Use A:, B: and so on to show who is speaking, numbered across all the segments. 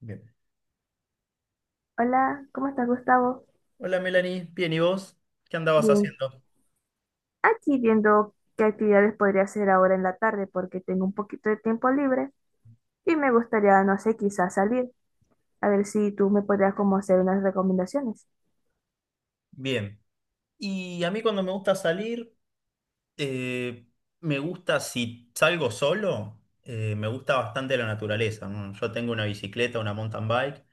A: Bien.
B: Hola, ¿cómo estás, Gustavo?
A: Hola Melanie, bien, ¿y vos? ¿Qué andabas
B: Bien,
A: haciendo?
B: aquí viendo qué actividades podría hacer ahora en la tarde porque tengo un poquito de tiempo libre y me gustaría, no sé, quizás salir. A ver si tú me podrías como hacer unas recomendaciones.
A: Bien. Y a mí cuando me gusta salir, eh, me gusta si salgo solo, me gusta bastante la naturaleza, ¿no? Yo tengo una bicicleta, una mountain bike.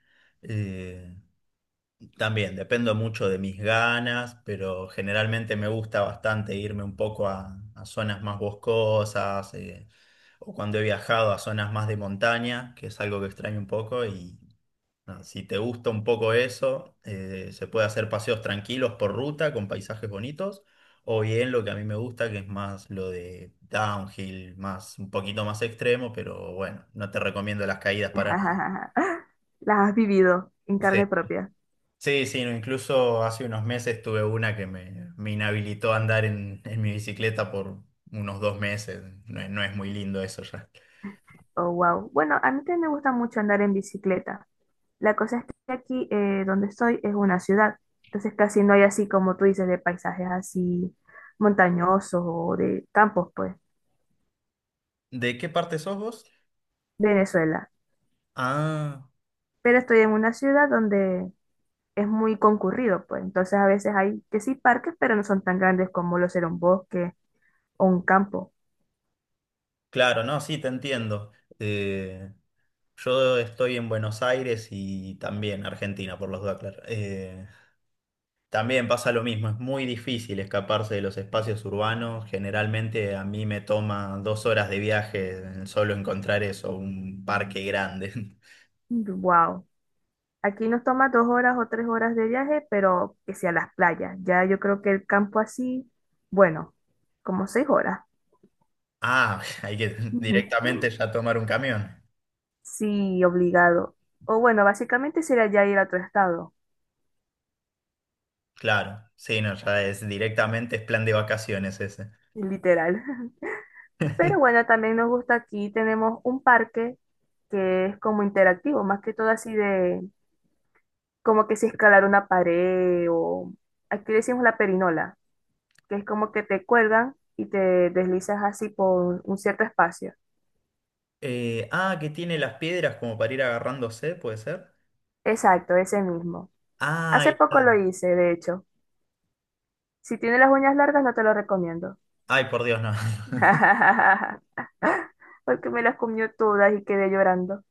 A: eh, También dependo mucho de mis ganas, pero generalmente me gusta bastante irme un poco a zonas más boscosas, o cuando he viajado a zonas más de montaña, que es algo que extraño un poco. Si te gusta un poco eso, se puede hacer paseos tranquilos por ruta con paisajes bonitos, o bien lo que a mí me gusta, que es más lo de downhill, más un poquito más extremo, pero bueno, no te recomiendo las caídas para nada.
B: Las has vivido en carne
A: Sí,
B: propia.
A: sí, sí, no, incluso hace unos meses tuve una que me inhabilitó a andar en mi bicicleta por unos 2 meses. No, no es muy lindo eso ya.
B: Oh, wow. Bueno, a mí también me gusta mucho andar en bicicleta. La cosa es que aquí donde estoy es una ciudad, entonces casi no hay así como tú dices de paisajes así montañosos o de campos, pues.
A: ¿De qué parte sos vos?
B: Venezuela.
A: Ah,
B: Pero estoy en una ciudad donde es muy concurrido, pues entonces a veces hay que sí parques, pero no son tan grandes como lo será un bosque o un campo.
A: claro, no, sí, te entiendo. Eh, Yo estoy en Buenos Aires y también Argentina, por los dudas, claro. También pasa lo mismo, es muy difícil escaparse de los espacios urbanos. Generalmente a mí me toma 2 horas de viaje solo encontrar eso, un parque grande.
B: Wow. Aquí nos toma 2 horas o 3 horas de viaje, pero que sea las playas. Ya yo creo que el campo así, bueno, como 6 horas.
A: Ah, hay que
B: Ujú.
A: directamente ya tomar un camión.
B: Sí, obligado. O bueno, básicamente sería ya ir a otro estado,
A: Claro, sí, no, ya es directamente es plan de vacaciones ese.
B: literal. Pero bueno, también nos gusta aquí, tenemos un parque que es como interactivo, más que todo así de como que si escalar una pared o aquí decimos la perinola, que es como que te cuelgan y te deslizas así por un cierto espacio.
A: Ah, que tiene las piedras como para ir agarrándose, ¿puede ser?
B: Exacto, ese mismo.
A: Ah, ahí
B: Hace
A: está.
B: poco lo hice, de hecho. Si tienes las uñas largas, no te lo recomiendo.
A: Ay, por Dios, no.
B: Porque me las comió todas y quedé llorando.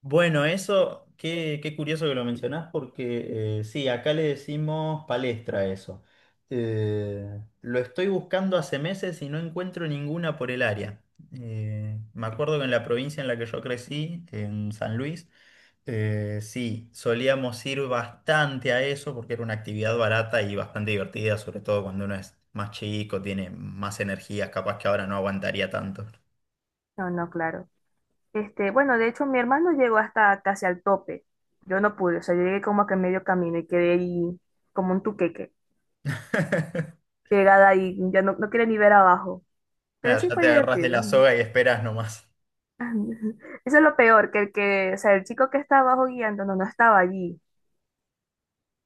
A: Bueno, eso, qué curioso que lo mencionás, porque sí, acá le decimos palestra a eso. Lo estoy buscando hace meses y no encuentro ninguna por el área. Me acuerdo que en la provincia en la que yo crecí, en San Luis, sí, solíamos ir bastante a eso porque era una actividad barata y bastante divertida, sobre todo cuando uno es más chico, tiene más energías, capaz que ahora no aguantaría tanto.
B: No, no, claro. Este, bueno, de hecho, mi hermano llegó hasta casi al tope. Yo no pude, o sea, yo llegué como que a medio camino y quedé ahí como un tuqueque, pegada ahí, ya no, no quería ni ver abajo. Pero
A: Nada,
B: sí
A: ya
B: fue
A: te agarrás de
B: divertido.
A: la soga y esperas nomás.
B: Eso es lo peor, que el que, o sea, el chico que estaba abajo guiando no, no estaba allí.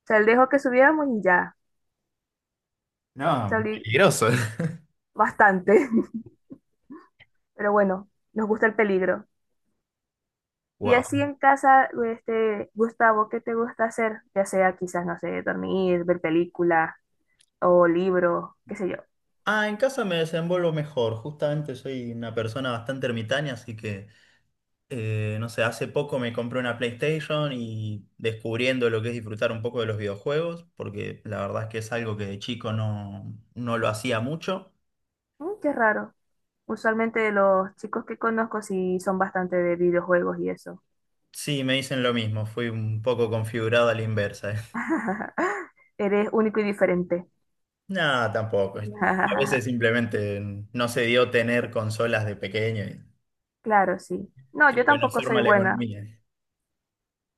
B: O sea, él dejó que subiéramos y ya.
A: No,
B: Salí
A: peligroso.
B: bastante. Pero bueno, nos gusta el peligro. Y
A: Wow.
B: así en casa, este, Gustavo, ¿qué te gusta hacer? Ya sea quizás, no sé, dormir, ver películas o libros, qué sé yo.
A: Ah, en casa me desenvuelvo mejor. Justamente soy una persona bastante ermitaña, así que, no sé, hace poco me compré una PlayStation y descubriendo lo que es disfrutar un poco de los videojuegos, porque la verdad es que es algo que de chico no, no lo hacía mucho.
B: Qué raro. Usualmente los chicos que conozco sí son bastante de videojuegos y eso.
A: Sí, me dicen lo mismo, fui un poco configurado a la inversa.
B: Eres único y diferente.
A: Nada, tampoco. A veces simplemente no se dio tener consolas de pequeño y
B: Claro, sí. No, yo
A: creo que no
B: tampoco
A: forma
B: soy
A: la
B: buena.
A: economía.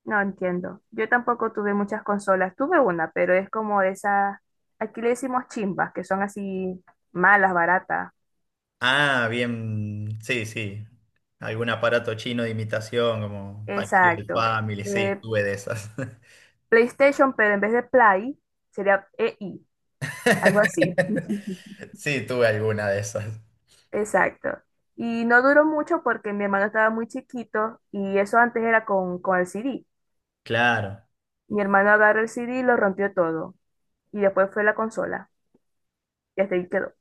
B: No entiendo. Yo tampoco tuve muchas consolas. Tuve una, pero es como esas, aquí le decimos chimbas, que son así malas, baratas.
A: Ah, bien, sí, sí. Algún aparato chino de imitación, como parecido al
B: Exacto.
A: Family, sí,
B: Eh,
A: tuve de esas.
B: PlayStation, pero en vez de Play, sería EI, algo así.
A: Sí, tuve alguna de esas.
B: Exacto. Y no duró mucho porque mi hermano estaba muy chiquito y eso antes era con el CD.
A: Claro.
B: Mi hermano agarró el CD y lo rompió todo. Y después fue la consola. Y hasta ahí quedó.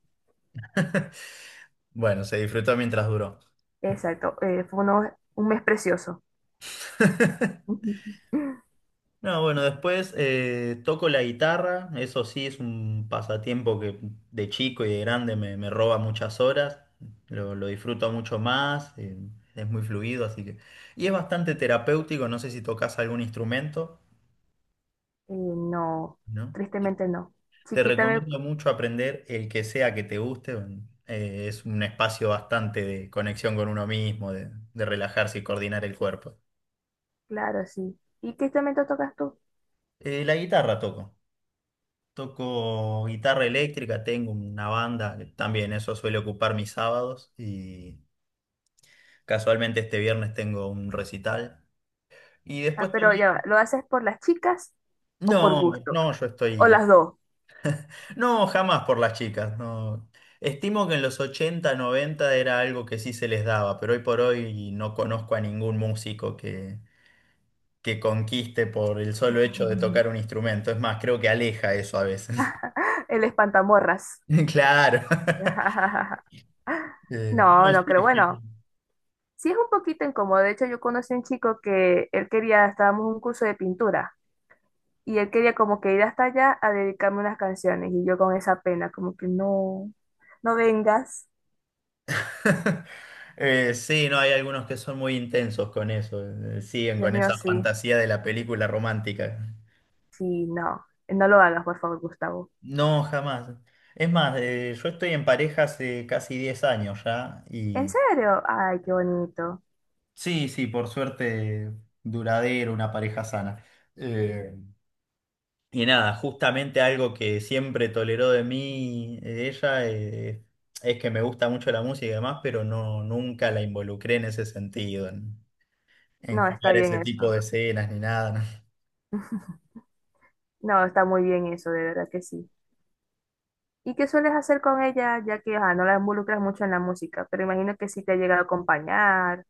A: Bueno, se disfrutó mientras duró.
B: Exacto, fue un mes precioso. Ujú.
A: No, bueno, después toco la guitarra, eso sí es un pasatiempo que de chico y de grande me roba muchas horas, lo disfruto mucho más, es muy fluido, así que... Y es bastante terapéutico, no sé si tocas algún instrumento,
B: No,
A: ¿no?
B: tristemente no.
A: Te
B: Chiquita,
A: recomiendo mucho aprender el que sea que te guste. Es un espacio bastante de conexión con uno mismo, de relajarse y coordinar el cuerpo.
B: claro, sí. ¿Y qué instrumento tocas tú?
A: La guitarra toco. Toco guitarra eléctrica, tengo una banda, que también eso suele ocupar mis sábados y casualmente este viernes tengo un recital. Y
B: Ah,
A: después
B: pero ya va,
A: también...
B: ¿lo haces por las chicas o por
A: No,
B: gusto?
A: no, yo
B: O
A: estoy.
B: las dos.
A: No, jamás por las chicas, no. Estimo que en los 80 90 era algo que sí se les daba, pero hoy por hoy no conozco a ningún músico que conquiste por el solo hecho de
B: Ujú.
A: tocar un instrumento. Es más, creo que aleja eso a veces.
B: El espantamorras.
A: Claro.
B: No,
A: No, sí,
B: no creo.
A: es que-
B: Bueno, sí es un poquito incómodo. De hecho, yo conocí a un chico que él quería, estábamos en un curso de pintura. Y él quería como que ir hasta allá a dedicarme unas canciones y yo con esa pena, como que no, no vengas.
A: Sí, no, hay algunos que son muy intensos con eso, siguen
B: Dios
A: con
B: mío,
A: esa
B: sí,
A: fantasía de la película romántica.
B: sí, no, no lo hagas, por favor, Gustavo.
A: No, jamás. Es más, yo estoy en pareja hace casi 10 años ya.
B: ¿En serio? Ay, qué bonito.
A: Sí, sí, por suerte duradero, una pareja sana. Eh, y nada, justamente algo que siempre toleró de mí ella es que me gusta mucho la música y demás, pero no, nunca la involucré en ese sentido, en
B: No, está
A: jugar ese
B: bien
A: tipo
B: eso.
A: de escenas ni nada. ¿No?
B: No, está muy bien eso, de verdad que sí. ¿Y qué sueles hacer con ella, ya que ajá, no la involucras mucho en la música? Pero imagino que sí te ha llegado a acompañar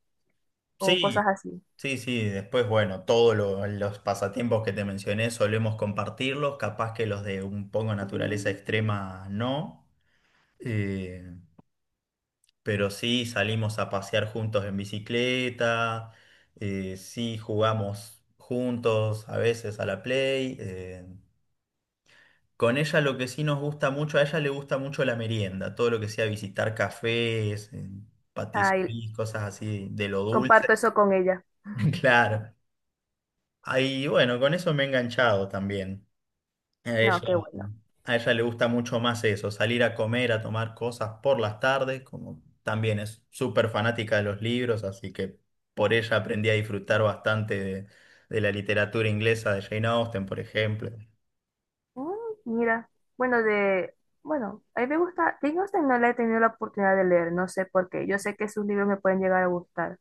B: o cosas
A: Sí,
B: así.
A: sí, sí, después, bueno, todos los pasatiempos que te mencioné solemos compartirlos, capaz que los de un poco naturaleza extrema no. Eh, Pero sí salimos a pasear juntos en bicicleta, sí jugamos juntos a veces a la Play. Con ella lo que sí nos gusta mucho, a ella le gusta mucho la merienda, todo lo que sea visitar cafés,
B: Ay,
A: patisseries, cosas así de lo dulce.
B: comparto eso con ella.
A: Claro. Ahí, bueno, con eso me he enganchado también. A ella,
B: No, qué bueno.
A: a ella le gusta mucho más eso, salir a comer, a tomar cosas por las tardes, como también es súper fanática de los libros, así que por ella aprendí a disfrutar bastante de la literatura inglesa de Jane Austen, por ejemplo.
B: Mm, Mira, bueno, bueno, a mí me gusta, Jane Austen no la he tenido la oportunidad de leer, no sé por qué, yo sé que sus libros me pueden llegar a gustar.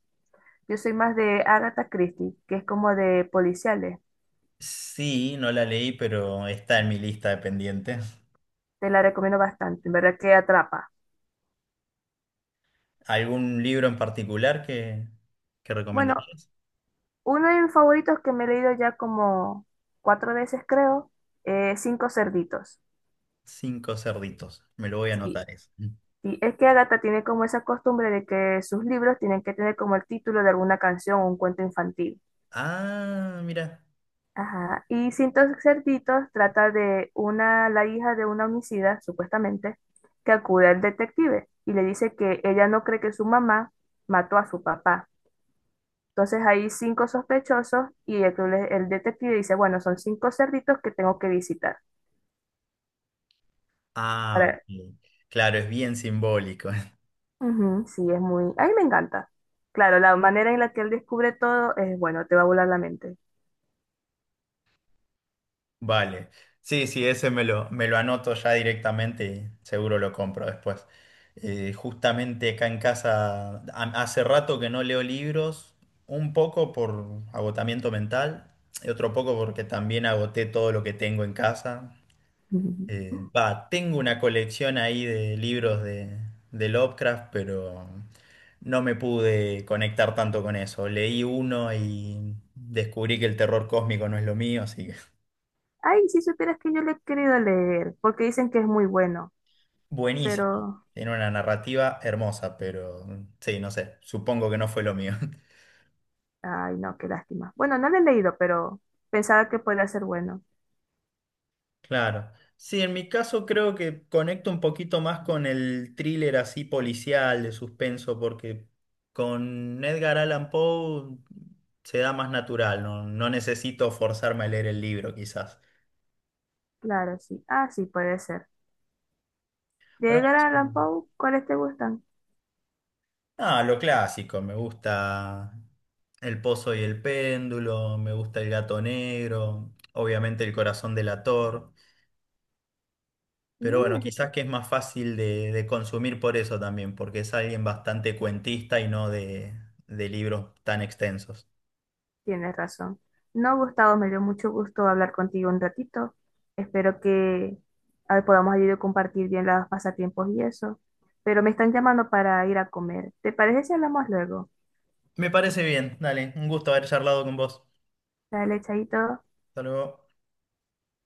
B: Yo soy más de Agatha Christie, que es como de policiales,
A: Sí, no la leí, pero está en mi lista de pendientes.
B: te la recomiendo bastante, en verdad que atrapa.
A: ¿Algún libro en particular que
B: Bueno,
A: recomendarías?
B: uno de mis favoritos que me he leído ya como cuatro veces creo, es Cinco Cerditos.
A: Cinco cerditos, me lo voy a
B: Sí,
A: anotar eso.
B: y es que Agatha tiene como esa costumbre de que sus libros tienen que tener como el título de alguna canción o un cuento infantil.
A: Ah, mira.
B: Ajá. Y Cintos Cerditos trata de la hija de una homicida, supuestamente, que acude al detective y le dice que ella no cree que su mamá mató a su papá. Entonces hay cinco sospechosos y el detective dice, bueno, son cinco cerditos que tengo que visitar.
A: Ah, ok.
B: Para...
A: Claro, es bien simbólico.
B: Ujú, sí, es muy... A mí me encanta. Claro, la manera en la que él descubre todo es, bueno, te va a volar la mente.
A: Vale. Sí, sí, ese me me lo anoto ya directamente y seguro lo compro después. Justamente acá en casa, hace rato que no leo libros, un poco por agotamiento mental y otro poco porque también agoté todo lo que tengo en casa. Va, tengo una colección ahí de libros de Lovecraft, pero no me pude conectar tanto con eso. Leí uno y descubrí que el terror cósmico no es lo mío, así que...
B: Ay, si supieras que yo lo he querido leer, porque dicen que es muy bueno,
A: Buenísimo.
B: pero...
A: Tiene una narrativa hermosa, pero mm, sí, no sé, supongo que no fue lo mío.
B: Ay, no, qué lástima. Bueno, no lo he leído, pero pensaba que podría ser bueno.
A: Claro. Sí, en mi caso creo que conecto un poquito más con el thriller así policial de suspenso, porque con Edgar Allan Poe se da más natural, no, no necesito forzarme a leer el libro quizás.
B: Claro, sí. Ah, sí, puede ser. De
A: Pero
B: Edgar Allan
A: mm,
B: Poe, ¿cuáles te gustan?
A: ah, lo clásico, me gusta El Pozo y el Péndulo, me gusta El Gato Negro, obviamente El Corazón Delator. Pero
B: Mm,
A: bueno,
B: ese-
A: quizás que es más fácil de consumir por eso también, porque es alguien bastante cuentista y no de libros tan extensos.
B: Tienes razón. No, Gustavo, me dio mucho gusto hablar contigo un ratito. Espero que a ver, podamos ayudar a compartir bien los pasatiempos y eso. Pero me están llamando para ir a comer. ¿Te parece si hablamos luego?
A: Me parece bien, dale, un gusto haber charlado con vos.
B: Dale, chaito.
A: Hasta luego.